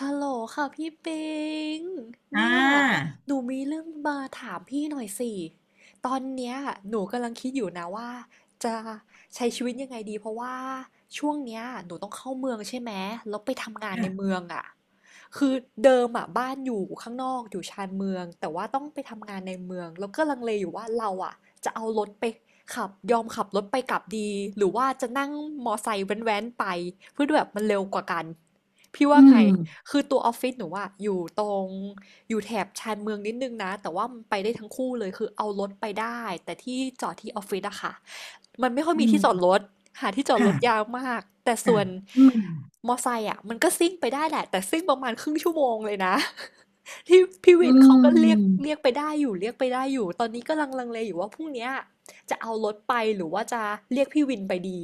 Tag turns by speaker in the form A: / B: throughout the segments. A: ฮัลโหลค่ะพี่ปิง
B: อ่
A: เนี่ย
B: า
A: หนูมีเรื่องมาถามพี่หน่อยสิตอนเนี้ยหนูกำลังคิดอยู่นะว่าจะใช้ชีวิตยังไงดีเพราะว่าช่วงเนี้ยหนูต้องเข้าเมืองใช่ไหมแล้วไปทำงานใน
B: ค่ะ
A: เมืองอ่ะคือเดิมอ่ะบ้านอยู่ข้างนอกอยู่ชานเมืองแต่ว่าต้องไปทำงานในเมืองแล้วก็ลังเลอยู่ว่าเราอ่ะจะเอารถไปขับยอมขับรถไปกลับดีหรือว่าจะนั่งมอไซค์แว้นๆไปเพื่อแบบมันเร็วกว่ากันพี่
B: อื
A: ว่าไง
B: ม
A: คือตัวออฟฟิศหนูอะอยู่ตรงอยู่แถบชานเมืองนิดนึงนะแต่ว่ามันไปได้ทั้งคู่เลยคือเอารถไปได้แต่ที่จอดที่ออฟฟิศอะค่ะมันไม่ค่อย
B: อื
A: มีที่จอด
B: ม
A: รถหาที่จอดรถยากมากแต่ส่วน
B: อืม
A: มอไซค์อะมันก็ซิ่งไปได้แหละแต่ซิ่งประมาณครึ่งชั่วโมงเลยนะ ที่พี่
B: อื
A: วินเขาก็เรียกเรีย
B: ม
A: กไปได้อยู่เรียกไปได้อยู่ตอนนี้ก็ลังเลอยู่ว่าพรุ่งเนี้ยจะเอารถไปหรือว่าจะเรียกพี่วินไปดี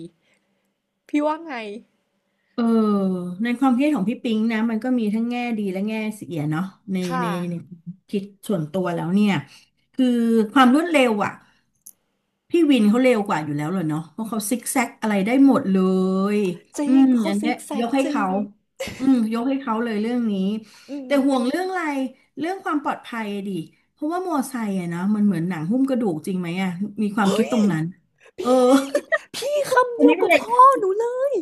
A: พี่ว่าไง
B: เออในความคิดของพี่ปิ๊งนะมันก็มีทั้งแง่ดีและแง่เสียเนาะใน
A: ค่ะ
B: ในในความคิดส่วนตัวแล้วเนี่ยคือความรวดเร็วอ่ะพี่วินเขาเร็วกว่าอยู่แล้วเลยเนาะเพราะเขาซิกแซกอะไรได้หมดเลย
A: จริ
B: อื
A: ง
B: ม
A: เขา
B: อัน
A: ซิ
B: เนี้ย
A: กแซ
B: ย
A: ก
B: กให้
A: จริ
B: เขา
A: ง
B: อืมยกให้เขาเลยเรื่องนี้
A: อืม
B: แต่ห่วงเรื่องอะไรเรื่องความปลอดภัยดิเพราะว่ามอไซค์อะนะมันเหมือนหนังหุ้มกระดูกจริงไหมอะมีความ
A: เฮ้
B: คิดตรง
A: ย
B: นั้นเออ
A: พี่คำ
B: อั
A: เดี
B: น
A: ยว
B: นี้เป็น
A: กับ
B: เหล็ก
A: พ่อหนูเลย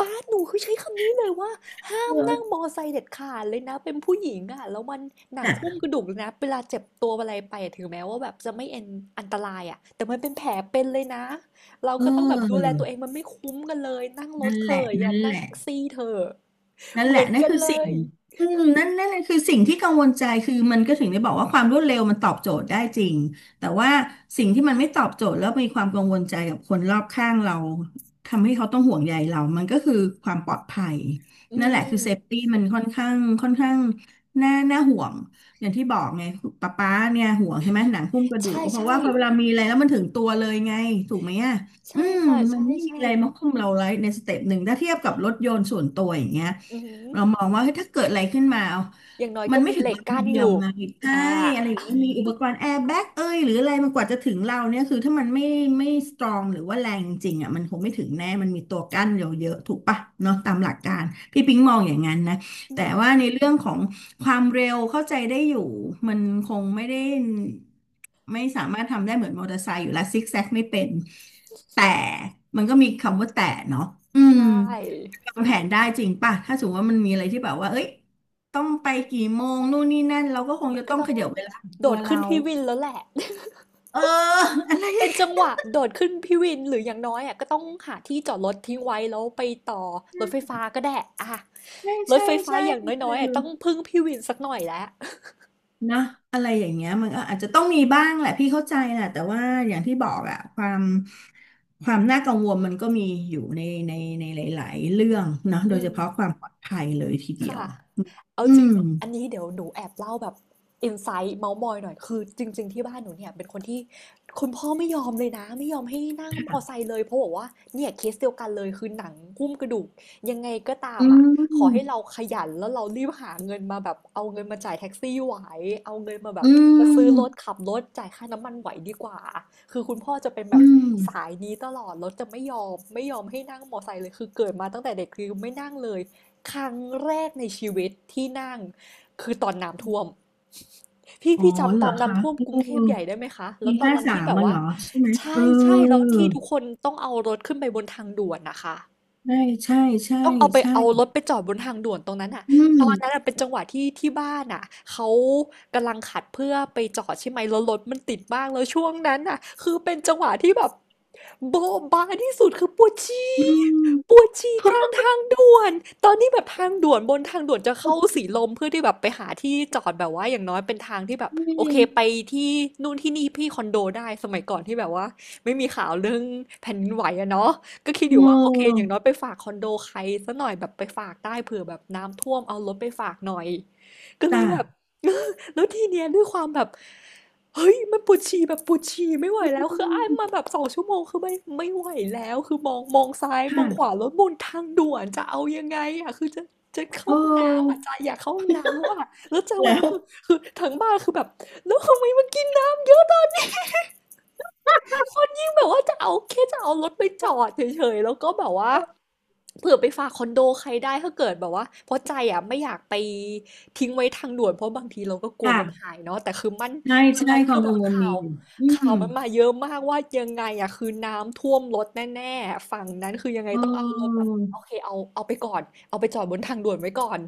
A: ป้าหนูคือใช้คำนี้เลยว่าห้ามนั่ง
B: เออ
A: มอไซค์เด็ดขาดเลยนะเป็นผู้หญิงอ่ะแล้วมันหนัง
B: น่ะ
A: หุ้มกระดูกเลยนะเวลาเจ็บตัวอะไรไปอะถึงแม้ว่าแบบจะไม่เอ็นอันตรายอ่ะแต่มันเป็นแผลเป็นเลยนะเรา
B: เอ
A: ก็ต้องแบบดูแลตัวเอง
B: อ
A: มันไม่คุ้มกันเลยนั่งรถ
B: นั่น
A: เธ
B: แหละ
A: อะยอ
B: นั่
A: ม
B: น
A: นั่ง
B: แหละ
A: แท็กซี่เธอะ
B: นั่น
A: เห
B: แห
A: มือ
B: ละ
A: น
B: นั่น
A: กัน
B: คือ
A: เล
B: สิ่ง
A: ย
B: อืมนั่นแหละคือสิ่งที่กังวลใจคือมันก็ถึงได้บอกว่าความรวดเร็วมันตอบโจทย์ได้จริงแต่ว่าสิ่งที่มันไม่ตอบโจทย์แล้วมีความกังวลใจกับคนรอบข้างเราทำให้เขาต้องห่วงใยเรามันก็คือความปลอดภัย
A: อื
B: นั่นแหละคือเซฟ
A: ม
B: ตี้มันค่อนข้างค่อนข้างน่าห่วงอย่างที่บอกไงป๊าเนี่ยห่วงใช่ไหมหนังหุ้มกระดูก
A: ใช่
B: ก็เพราะ
A: ใช่
B: ว่าพอเวลามีอะไรแล้วมันถึงตัวเลยไงถูกไหมอ่ะอื
A: ใช่
B: ม
A: ค่ะ
B: มัน
A: ใช่
B: ไม่มี
A: ใช่
B: อะไรมาหุ้มเราไว้ในสเต็ปหนึ่งถ้าเทียบกับรถยนต์ส่วนตัวอย่างเงี้ย
A: อื
B: เรา
A: ม
B: มองว่าเฮ้ยถ้าเกิดอะไรขึ้นมาเอา
A: อย่างน้อย
B: มั
A: ก็
B: นไม่
A: มี
B: ถึ
A: เห
B: ง
A: ล็ก
B: วันที
A: กั้น
B: เดี
A: อ
B: ยว
A: ยู่
B: ไงใช่
A: อ่า
B: อะไรอย่างเงี้ยมีอุปกรณ์แอร์แบ็กเอ้ยหรืออะไรมันกว่าจะถึงเราเนี่ยคือถ้ามันไม่สตรองหรือว่าแรงจริงอ่ะมันคงไม่ถึงแน่มันมีตัวกั้นเยอะๆถูกปะเนาะตามหลักการพี่ปิ๊งมองอย่างนั้นนะ
A: อื
B: แต่
A: ม
B: ว่าในเรื่องของความเร็วเข้าใจได้อยู่มันคงไม่ได้ไม่สามารถทำได้เหมือนมอเตอร์ไซค์อยู่แล้วซิกแซกไม่เป็นแต่มันก็มีคำว่าแต่เนาะอื
A: ใช
B: ม
A: ่
B: ทำแผนได้จริงป่ะถ้าสมมติว่ามันมีอะไรที่แบบว่าเอ้ยต้องไปกี่โมงนู่นนี่นั่นเราก็คง
A: มัน
B: จะ
A: ก็
B: ต้อง
A: ต้อ
B: ข
A: ง
B: ยับเวลาของ
A: โด
B: ตัว
A: ดขึ้
B: เรา
A: นพี่วินแล้วแหละ
B: เออ อะไร
A: เป็นจังหวะโดดขึ้นพี่วินหรืออย่างน้อยอ่ะก็ต้องหาที่จอดรถทิ้งไว้แล้วไปต่อรถไฟฟ้าก็ได้อ่ะ
B: ใช่
A: รถ
B: ใช่
A: ไฟฟ้า
B: ใช่
A: อย่าง
B: คื
A: น้อ
B: อ
A: ยๆอะต้องพึ่งพี่วินสักหน่อยแล้ว
B: นะอะไรอย่างเงี้ยมันก็อาจจะต้องมีบ้างแหละพี่เข้าใจแหละแต่ว่าอย่างที่บอกอะความความน่ากังวลมันก็มีอยู่ในในหลายๆเรื่องเนอะ โด
A: อื
B: ยเฉ
A: ม
B: พาะความปลอดภัยเลยทีเดียว
A: ค่ะเอา
B: อื
A: จริง
B: ม
A: อันนี้เดี๋ยวหนูแอบเล่าแบบอินไซต์เมาท์มอยหน่อยคือจริงๆที่บ้านหนูเนี่ยเป็นคนที่คุณพ่อไม่ยอมเลยนะไม่ยอมให้นั่งมอไซ
B: ค่ะ
A: ค์เลยเพราะบอกว่าเนี่ยเคสเดียวกันเลยคือหนังหุ้มกระดูกยังไงก็ตาม
B: อื
A: อ่ะขอให้
B: ม
A: เราขยันแล้วเรารีบหาเงินมาแบบเอาเงินมาจ่ายแท็กซี่ไหวเอาเงินมาแบ
B: อื
A: บมาซื้อรถ
B: ม
A: ขับรถจ่ายค่าน้ำมันไหวดีกว่าคือคุณพ่อจะเป็นแบ
B: อื
A: บ
B: ม
A: สายนี้ตลอดรถจะไม่ยอมให้นั่งมอไซค์เลยคือเกิดมาตั้งแต่เด็กคือไม่นั่งเลย ครั้งแรกในชีวิตที่นั่งคือตอนน้ำท่วม พี่
B: อ๋อ
A: พี่
B: เห
A: จำ
B: ร
A: ต
B: อ
A: อน
B: คะ
A: น้ำท่วมกรุ
B: เอ
A: ง
B: อ
A: เทพใหญ่ได้ไหมคะ แล้
B: ปี
A: วตอน
B: ห้า
A: นั้น
B: สา
A: ที่
B: ม
A: แบบ
B: มาเหร
A: ว่า
B: อใช่ไหมเอ
A: ใช่
B: อ
A: ใช่แล้วที่ทุกคนต้องเอารถขึ้นไปบนทางด่วนนะคะ
B: ใช่ใช่ใช่
A: ต้องเอาไป
B: ใช่
A: เอารถไปจอดบนทางด่วนตรงนั้นอ่ะ
B: อืม
A: ตอนนั้นอะเป็นจังหวะที่บ้านอ่ะเขากำลังขัดเพื่อไปจอดใช่ไหมแล้วรถมันติดมากแล้วช่วงนั้นอ่ะคือเป็นจังหวะที่แบบโบ๊ะบาที่สุดคือปวดฉี่
B: อืม
A: ปวดฉี่กลางทางด่วนตอนนี้แบบทางด่วนบนทางด่วนจะเข้าสีลมเพื่อที่แบบไปหาที่จอดแบบว่าอย่างน้อยเป็นทางที่แบบ
B: อื
A: โอเค
B: ม
A: ไปที่นู่นที่นี่พี่คอนโดได้สมัยก่อนที่แบบว่าไม่มีข่าวเรื่องแผ่นดินไหวอะเนาะ ก็คิดอยู่ว่าโอเคอ
B: เออ
A: ย่างน้อยไปฝากคอนโดใครสักหน่อยแบบไปฝากได้เผื่อแบบน้ำท่วมเอารถไปฝากหน่อยก็เล
B: จ้ะ
A: ยแบบ แล้วทีเนี้ยด้วยความแบบเฮ้ยมันปวดฉี่แบบปวดฉี่ไม่ไหว
B: อื
A: แล้วคืออ้ายมา
B: ม
A: แบบ2 ชั่วโมงคือไม่ไหวแล้วคือมองซ้ายมองขวา
B: ค่ะ
A: รถบนทางด่วนจะเอายังไงอ่ะคือจะเข้า
B: เอ
A: ห้องน้ำอ่ะ
B: อ
A: ใจอยากเข้าห้องน้ำแล้วอ่ะแล้วจังหวะ
B: แล้
A: นั้
B: ว
A: นคือคือทั้งบ้านคือแบบแล้วทำไมมันกินน้ำเยอะตอนคนยิ่งแบบว่าจะเอาแค่จะเอารถไปจอดเฉยๆแล้วก็แบบว่า เผื่อไปฝากคอนโดใครได้ถ้าเกิดแบบว่าเพราะใจอ่ะไม่อยากไปทิ้งไว้ทางด่วนเพราะบางทีเราก็กลัวรถหา
B: ค่ะ
A: ยเนาะแต่คือมัน
B: ใช่
A: ตอน
B: ใช่
A: นั้น
B: ค
A: คื
B: วา
A: อ
B: ม
A: แบ
B: กั
A: บ
B: งวล
A: ข่า
B: มี
A: ว
B: อยู่อื
A: ข่าว
B: ม
A: มันมาเยอะมากว่ายังไงอ่ะคือน้ำท่วมรถแน่ๆฝั่งนั้นคือยังไง
B: เ
A: ต้องเอารถแบ
B: ออ
A: บโอเคเอาไปก่อนเอาไปจอดบนทางด่วนไว้ก่อน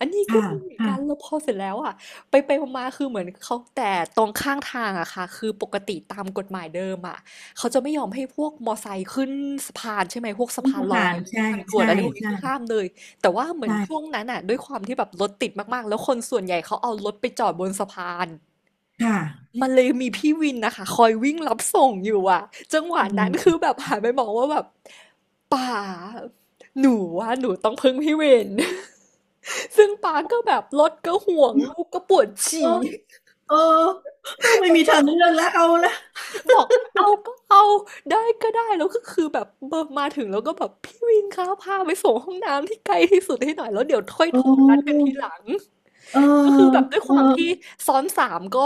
A: อันนี้ก็
B: ค่ะ
A: มีเหมือนกัน
B: ค่ะ
A: แล้วพอเสร็จแล้วอ่ะไปไปมาๆคือเหมือนเขาแต่ตรงข้างทางอะค่ะคือปกติตามกฎหมายเดิมอะ เขาจะไม่ยอมให้พวกมอไซค์ขึ้นสะพานใช่ไหมพวกสะ
B: นี่
A: พาน
B: จะ
A: ลอ
B: ผ่าน
A: ยหรือ
B: ใช่
A: ทางด่วน
B: ใช่
A: อะไรพวกนี้
B: ใช่
A: คือห้ามเลยแต่ว่าเหมือน
B: ใช่
A: ช่วงนั้นอ่ะด้วยความที่แบบรถติดมากๆแล้วคนส่วนใหญ่เขาเอารถไปจอดบนสะพาน
B: ค่ะ
A: มันเลยมีพี่วินนะคะคอยวิ่งรับส่งอยู่อ่ะจังหวะ
B: อื
A: นั้นคื
B: ม
A: อแบบหันไปมองว่าแบบป่าหนูว่าหนูต้องพึ่งพี่วิน ซึ่งป้าก็แบบรถก็ห่วงลูกก็ปวด
B: โอ้
A: ฉี่
B: เออเออไม่มีทางเลือกแล้วเอาละ
A: บอกเอาก็เอาได้ก็ได้แล้วก็คือแบบมาถึงแล้วก็แบบพี่วินคะพาไปส่งห้องน้ำที่ไกลที่สุดให้หน่อยแล้วเดี๋ยวค่อยโท
B: โอ้
A: รนัดกันทีหลัง
B: เออ
A: ก็คือแบบด้วย
B: เอ
A: ความที่
B: อ
A: ซ้อนสามก็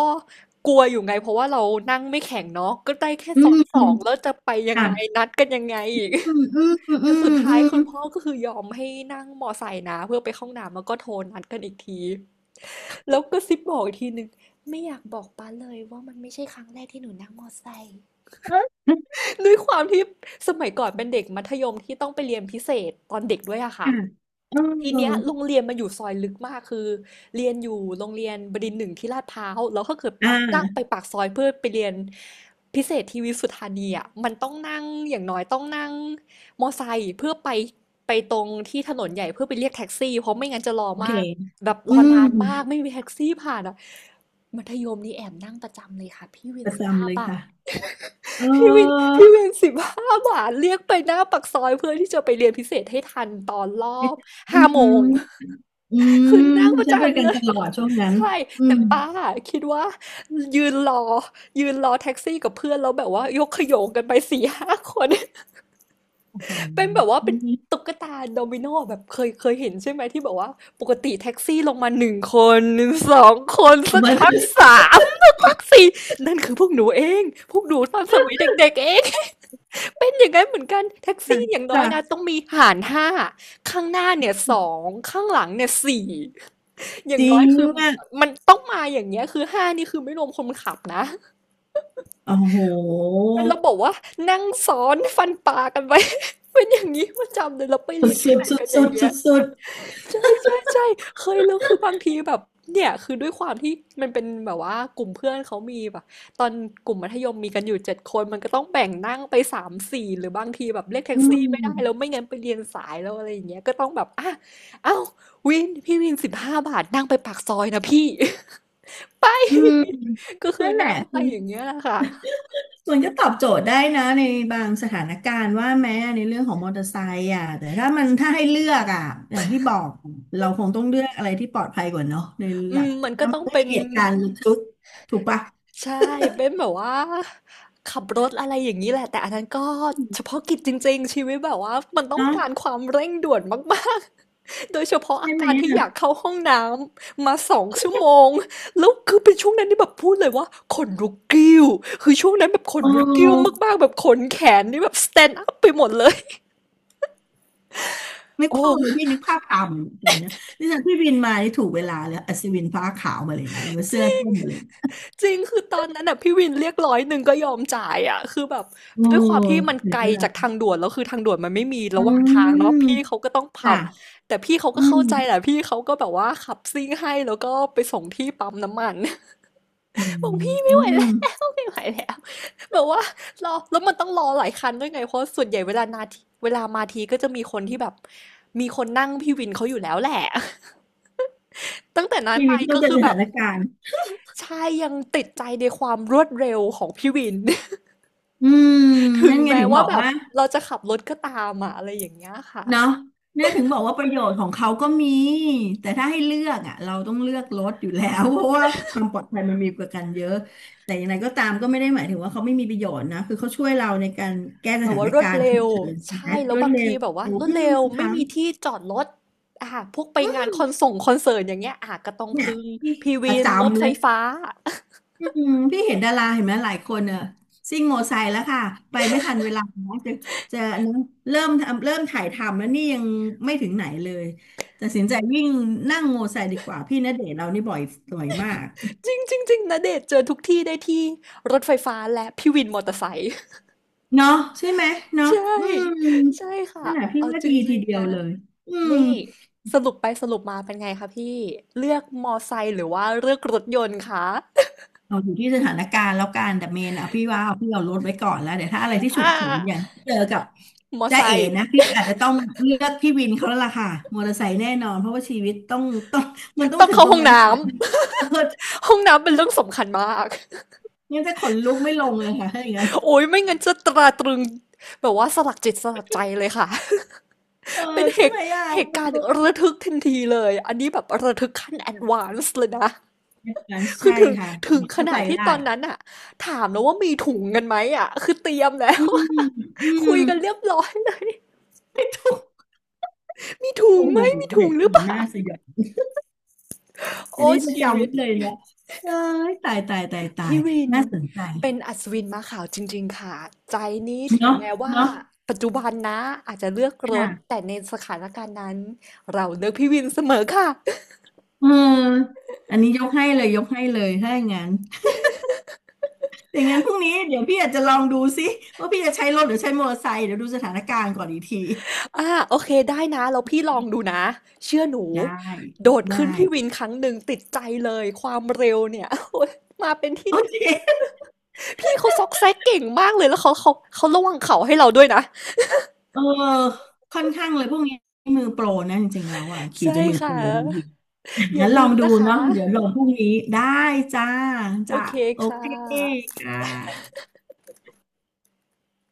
A: กลัวอยู่ไงเพราะว่าเรานั่งไม่แข็งเนาะก็ได้แค่
B: อื
A: ซ้อนสอ
B: ม
A: งแล้วจะไปยังไง
B: ค่ะ
A: นัดกันยังไงอีก
B: อืมอืม
A: แต่
B: อื
A: สุ
B: ม
A: ดท้า
B: อื
A: ยคุ
B: ม
A: ณพ่อก็คือยอมให้นั่งมอไซค์นะเพื่อไปเข้าห้องน้ำแล้วก็โทรนัดกันอีกทีแล้วก็ซิปบอกอีกทีหนึ่งไม่อยากบอกป้าเลยว่ามันไม่ใช่ครั้งแรกที่หนูนั่งมอไซค์
B: ค่ะ
A: ด้วยความที่สมัยก่อนเป็นเด็กมัธยมที่ต้องไปเรียนพิเศษตอนเด็กด้วยอะค่ะ
B: เ
A: ทีเนี้ย
B: ออ
A: โรงเรียนมันอยู่ซอยลึกมากคือเรียนอยู่โรงเรียนบดินทร์หนึ่งที่ลาดพร้าวแล้วก็เกิด
B: อ่
A: นั่งไป
B: า
A: ปากซอยเพื่อไปเรียนพิเศษที่วิสุทธานีอะมันต้องนั่งอย่างน้อยต้องนั่งมอไซค์เพื่อไปไปตรงที่ถนนใหญ่เพื่อไปเรียกแท็กซี่เพราะไม่งั้นจะรอ
B: โอเค
A: มากแบบร
B: อื
A: อ
B: ม
A: นานมากไม่มีแท็กซี่ผ่านอะมัธยมนี่แอบนั่งประจำเลยค่ะพี่วิ
B: ป
A: น
B: ระ
A: สิบ
B: จำเลย
A: ห้า
B: ค่ะเอ
A: พี่วิน
B: อ
A: พี่เวน15 บาทเรียกไปหน้าปากซอยเพื่อที่จะไปเรียนพิเศษให้ทันตอนรอบ
B: อื
A: 5 โมง
B: มอืม
A: คือนั่งประ
B: ใช้บริ
A: จำ
B: การ
A: เลย
B: ตลอดช่วงนั้น
A: ใช่
B: อื
A: แต่
B: ม
A: ป้าคิดว่ายืนรอยืนรอแท็กซี่กับเพื่อนแล้วแบบว่ายกขโยงกันไป4-5 คน
B: โอ้โห
A: เป็นแบบว่าเป็นตุ๊กตาโดมิโนแบบเคยเห็นใช่ไหมที่แบบว่าปกติแท็กซี่ลงมาหนึ่งคนสองคน
B: เอา
A: สัก
B: ไว้
A: พัก
B: ค
A: สามสักพักสี่นั่นคือพวกหนูเองพวกหนูตอนสมัยเด็กๆเอง เป็นอย่างนั้นเหมือนกันแท็ก
B: ่ะ
A: ซี่อย่างน้อ
B: ค่ะ
A: ยนะต้องมีหารห้าข้างหน้าเนี่ยสองข้างหลังเนี่ยสี่อย่า
B: จ
A: ง
B: ริ
A: น้อย
B: ง
A: คือ
B: อ่ะ
A: มันต้องมาอย่างเงี้ยคือห้านี่คือไม่รวมคนขับนะ
B: โอ้โห
A: เป็นระบบว่านั่งซ้อนฟันปลากันไป เป็นอย่างนี้ประจำเลยเราไป
B: สุ
A: เรี
B: ด
A: ยนพิ
B: สุ
A: เศ
B: ด
A: ษ
B: สุด
A: กันอ
B: สุ
A: ย่าง
B: ด
A: เงี้
B: สุ
A: ย
B: ดสุด
A: ใช่ใช่ใช่เคยแล้วคือบางทีแบบเนี่ยคือด้วยความที่มันเป็นแบบว่ากลุ่มเพื่อนเขามีแบบตอนกลุ่มมัธยมมีกันอยู่7 คนมันก็ต้องแบ่งนั่งไปสามสี่หรือบางทีแบบเรียก
B: ๆ
A: แท็
B: อื
A: กซี่ไม่
B: ม
A: ได้แล้วไม่งั้นไปเรียนสายแล้วอะไรอย่างเงี้ยก็ต้องแบบอ่ะเอ้าพี่วินสิบห้าบาทนั่งไปปากซอยนะพี่ ไ
B: อืม
A: ปก็คือ
B: นั่นแหละ
A: นั่งไปอย่างเงี้ยแหละค่ะ
B: มันก็ตอบโจทย์ได้นะในบางสถานการณ์ว่าแม้ในเรื่องของมอเตอร์ไซค์อ่ะแต่ถ้าให้เลือกอ่ะอย่างที่บอกเราคงต้องเลือกอะไรที่ปลอดภัยกว่าเนาะใน
A: อื
B: หลั
A: ม
B: ก
A: มันก็
B: ถ้า
A: ต้
B: มั
A: อ
B: น
A: ง
B: ไม่
A: เป็
B: มี
A: น
B: เหตุการณ์ระทึกถูกปะ
A: ใช่เป็นแบบว่าขับรถอะไรอย่างนี้แหละแต่อันนั้นก็เฉพาะกิจจริงๆชีวิตแบบว่ามันต้องการ
B: เนาะ
A: ความเร่งด่วนมากๆ โดยเฉพาะ
B: ใช่
A: อา
B: ไหม
A: การที่อ
B: อ่ะ
A: ยากเข้าห้องน้ำมา2 ชั่วโมงแล้วคือเป็นช่วงนั้นที่แบบพูดเลยว่าขนลุกกิ้วคือช่วงนั้นแบบขน
B: โอ
A: ลุกกิ้ว
B: ้
A: มากๆแบบขนแขนนี่แบบ stand up ไปหมดเลย
B: นึ ก
A: โอ้
B: ภาพเลยพี่นึกภาพตามเหมือนกันนะนี่จากพี่บินมานี่ถูกเวลาเลยอัศวินฟ้าขาวมาเลยเนี่ยหรือว่าเสื้อส้มมาเลย
A: จริงคือตอนนั้นน่ะพี่วินเรียก101ก็ยอมจ่ายอะคือแบบ
B: โอ้
A: ด้วยความที่มัน
B: ถึ
A: ไก
B: ง
A: ล
B: เว
A: จาก
B: ลา
A: ทางด่วนแล้วคือทางด่วนมันไม่มี
B: อื
A: ระหว่างทางเนาะ
B: ม
A: พี่เขาก็ต้องขั
B: ค่ะ
A: บแต่พี่เขาก็
B: อื
A: เข้า
B: ม
A: ใจแหละพี่เขาก็แบบว่าขับซิ่งให้แล้วก็ไปส่งที่ปั๊มน้ำมัน
B: อื
A: บอกพี่ไม่ไหวแล้ว
B: ม
A: ไม่ไหวแล้วแบบว่ารอแล้วมันต้องรอหลายคันด้วยไงเพราะส่วนใหญ่เวลานาทีเวลามาทีก็จะมีคนที่แบบมีคนนั่งพี่วินเขาอยู่แล้วแหละ ตั้งแต่นั้น
B: พี่
A: มา
B: วินเข้า
A: ก็
B: ใจ
A: คือ
B: ส
A: แบ
B: ถา
A: บ
B: นการณ์
A: ใช่ยังติดใจในความรวดเร็วของพี่วิน
B: อืม
A: ถึง
B: นั่นไง
A: แม้
B: ถึง
A: ว่า
B: บอก
A: แบบ
B: ว่า
A: เราจะขับรถก็ตามอะอะไรอย่างเงี้ยค่ะ
B: เนาะเนี่ยถึงบอกว่าประโยชน์ของเขาก็มีแต่ถ้าให้เลือกอ่ะเราต้องเลือกรถอยู่แล้ว เพราะว่าความปลอดภัยมันมีประกันเยอะแต่อย่างไรก็ตามก็ไม่ได้หมายถึงว่าเขาไม่มีประโยชน์นะคือเขาช่วยเราในการแก้ส
A: แบบ
B: ถา
A: ว่า
B: น
A: รว
B: กา
A: ด
B: รณ์ฉุ
A: เร็
B: ก
A: ว
B: เฉิน
A: ใช่
B: นะ
A: แล้
B: ร
A: ว
B: วด
A: บาง
B: เร็
A: ที
B: ว
A: แบบว่ารวด
B: อืม
A: เร็ว
B: บางค
A: ไม่
B: รั้ง
A: มีที่จอดรถอ่ะพวกไปงานคอนส่งคอนเสิร์ตอย่างเงี้ยอ่ะก็ต้อง
B: เนี่ย
A: พึ่ง
B: ที่
A: พี
B: ป
A: วิ
B: ระ
A: นรถ
B: จำ
A: ไฟ
B: เลย
A: ฟ้า
B: อืมพี่เห็นดาราเห็นไหมหลายคนเนอะซิ่งโมอไซค์แล้วค่ะไปไม่ทันเวลานะจะจะอันนั้นเริ่มทำเริ่มถ่ายทำแล้วนี่ยังไม่ถึงไหนเลยตัดสินใจวิ่งนั่งโมอไซค์ดีกว่าพี่ณเดชน์เรานี่บ่อยบ่อยมาก
A: จริงจริงจริงนะเดชน์เจอทุกที่ได้ที่รถไฟฟ้าและพี่วินมอเตอร์ไซค์
B: เนาะใช่ไหม เนาะ
A: ใช่
B: อืม
A: ใช่ค่ะ
B: นั่นแหละพี่
A: เอา
B: ว่า
A: จ
B: ดี
A: ริ
B: ที
A: ง
B: เดี
A: ๆ
B: ยว
A: นะ
B: เลยอืม
A: นี่สรุปไปสรุปมาเป็นไงคะพี่เลือกมอไซค์หรือว่าเลือกรถยนต์คะ
B: เราอยู่ที่สถานการณ์แล้วกันแต่เมนอ่ะพี่ว่าพี่เอารถไว้ก่อนแล้วเดี๋ยวถ้าอะไรที่ ฉุ
A: อ่า
B: กเฉินอย่างที่เจอกับ
A: มอ
B: จ้า
A: ไซ
B: เอ๋
A: ค์
B: นะพี่อาจจะต้องเลือกพี่วินเขาแล้วล่ะค่ะมอเตอร์ไซค์แน่นอนเพราะว่าชีวิตต้องมันต้อง
A: ต้อง
B: ถึง
A: เข้า
B: ตรง
A: ห้อง
B: นั้น
A: น้
B: ก่อน เพอ
A: ำ ห้องน้ำเป็นเรื่องสำคัญมาก
B: ยังจะขนลุกไม่ลงเลยค่ะถ้าอย่างนั้น
A: โอ้ยไม่งั้นจะตราตรึงแบบว่าสลักจิตสลักใจเลยค่ะ
B: เออ
A: เป็นเห
B: ใช่ไห
A: ตุ
B: มอ่ะ
A: เห
B: เอ
A: ตุการณ์
B: อ
A: ระทึกทันทีเลยอันนี้แบบระทึกขั้นแอดวานซ์เลยนะ
B: อย่างนั้น
A: คือ
B: ใช่
A: ถึง
B: ค่ะ
A: ถึงข
B: เข้า
A: นา
B: ใจ
A: ดที่
B: ได้
A: ตอนนั้นอะถามแล้วว่ามีถุงกันไหมอะ คือเตรียมแล้
B: อื
A: ว
B: มอื ม
A: คุยกันเรียบร้อยเลย
B: ไม่ถูก
A: มีถุ
B: โอ้
A: งไหม
B: โห
A: มี
B: เห
A: ถุง
B: ตุ
A: หรือ
B: กา
A: เป
B: รณ์
A: ล่า
B: น่าสยดอัน
A: โอ้
B: นี้จะ
A: ชี
B: จำ
A: วิต
B: ไว้เลยเนาะเอ้ยตายตายตายตาย
A: พี่วิน
B: น่าสนใจ
A: เป็นอัศวินม้าขาวจริงๆค่ะใจนี้ถึง
B: เนาะ
A: แม้ว่า
B: เนาะ
A: ปัจจุบันนะอาจจะเลือกรถ
B: ค่ะ
A: แต่ในสถานการณ์นั้นเราเลือกพี่วินเสมอค่ะ
B: เอออันนี้ยกให้เลยยกให้เลยถ้าอย่างนั้นอย่างงั้นพรุ่งนี้เดี๋ยวพี่อาจจะลองดูซิว่าพี่จะใช้รถหรือใช้มอเตอร์ไซค์เดี๋ยวดูสถานการณ์ก่อนอีกที
A: อ่าโอเคได้นะแล้วพี่ลองดูนะเชื่อหนู
B: ได้
A: โดด
B: ได้
A: ขึ้นพี่วินครั้งหนึ่งติดใจเลยความเร็วเนี่ย โอ๊ยมาเป็นที่
B: โอ
A: หนึ่ง
B: เค
A: พี่เขาซอกแซกเก่งมากเลยแล้วเขาระวังเขาให้เราด้วยนะ
B: เออค่อนข้างเลยพวกนี้มือโปรนะจริงๆแล้วอ่ะขี่
A: ใช่
B: จนมือโป
A: ค่ะ
B: รบางที
A: อย่า
B: งั้นลอ
A: ลื
B: ง
A: ม
B: ดู
A: นะคะ
B: เนาะเดี๋ยวลองพรุ่งนี้ได้จ้า
A: โอ
B: จ้า
A: เค
B: โอ
A: ค่ะ
B: เคค่ะ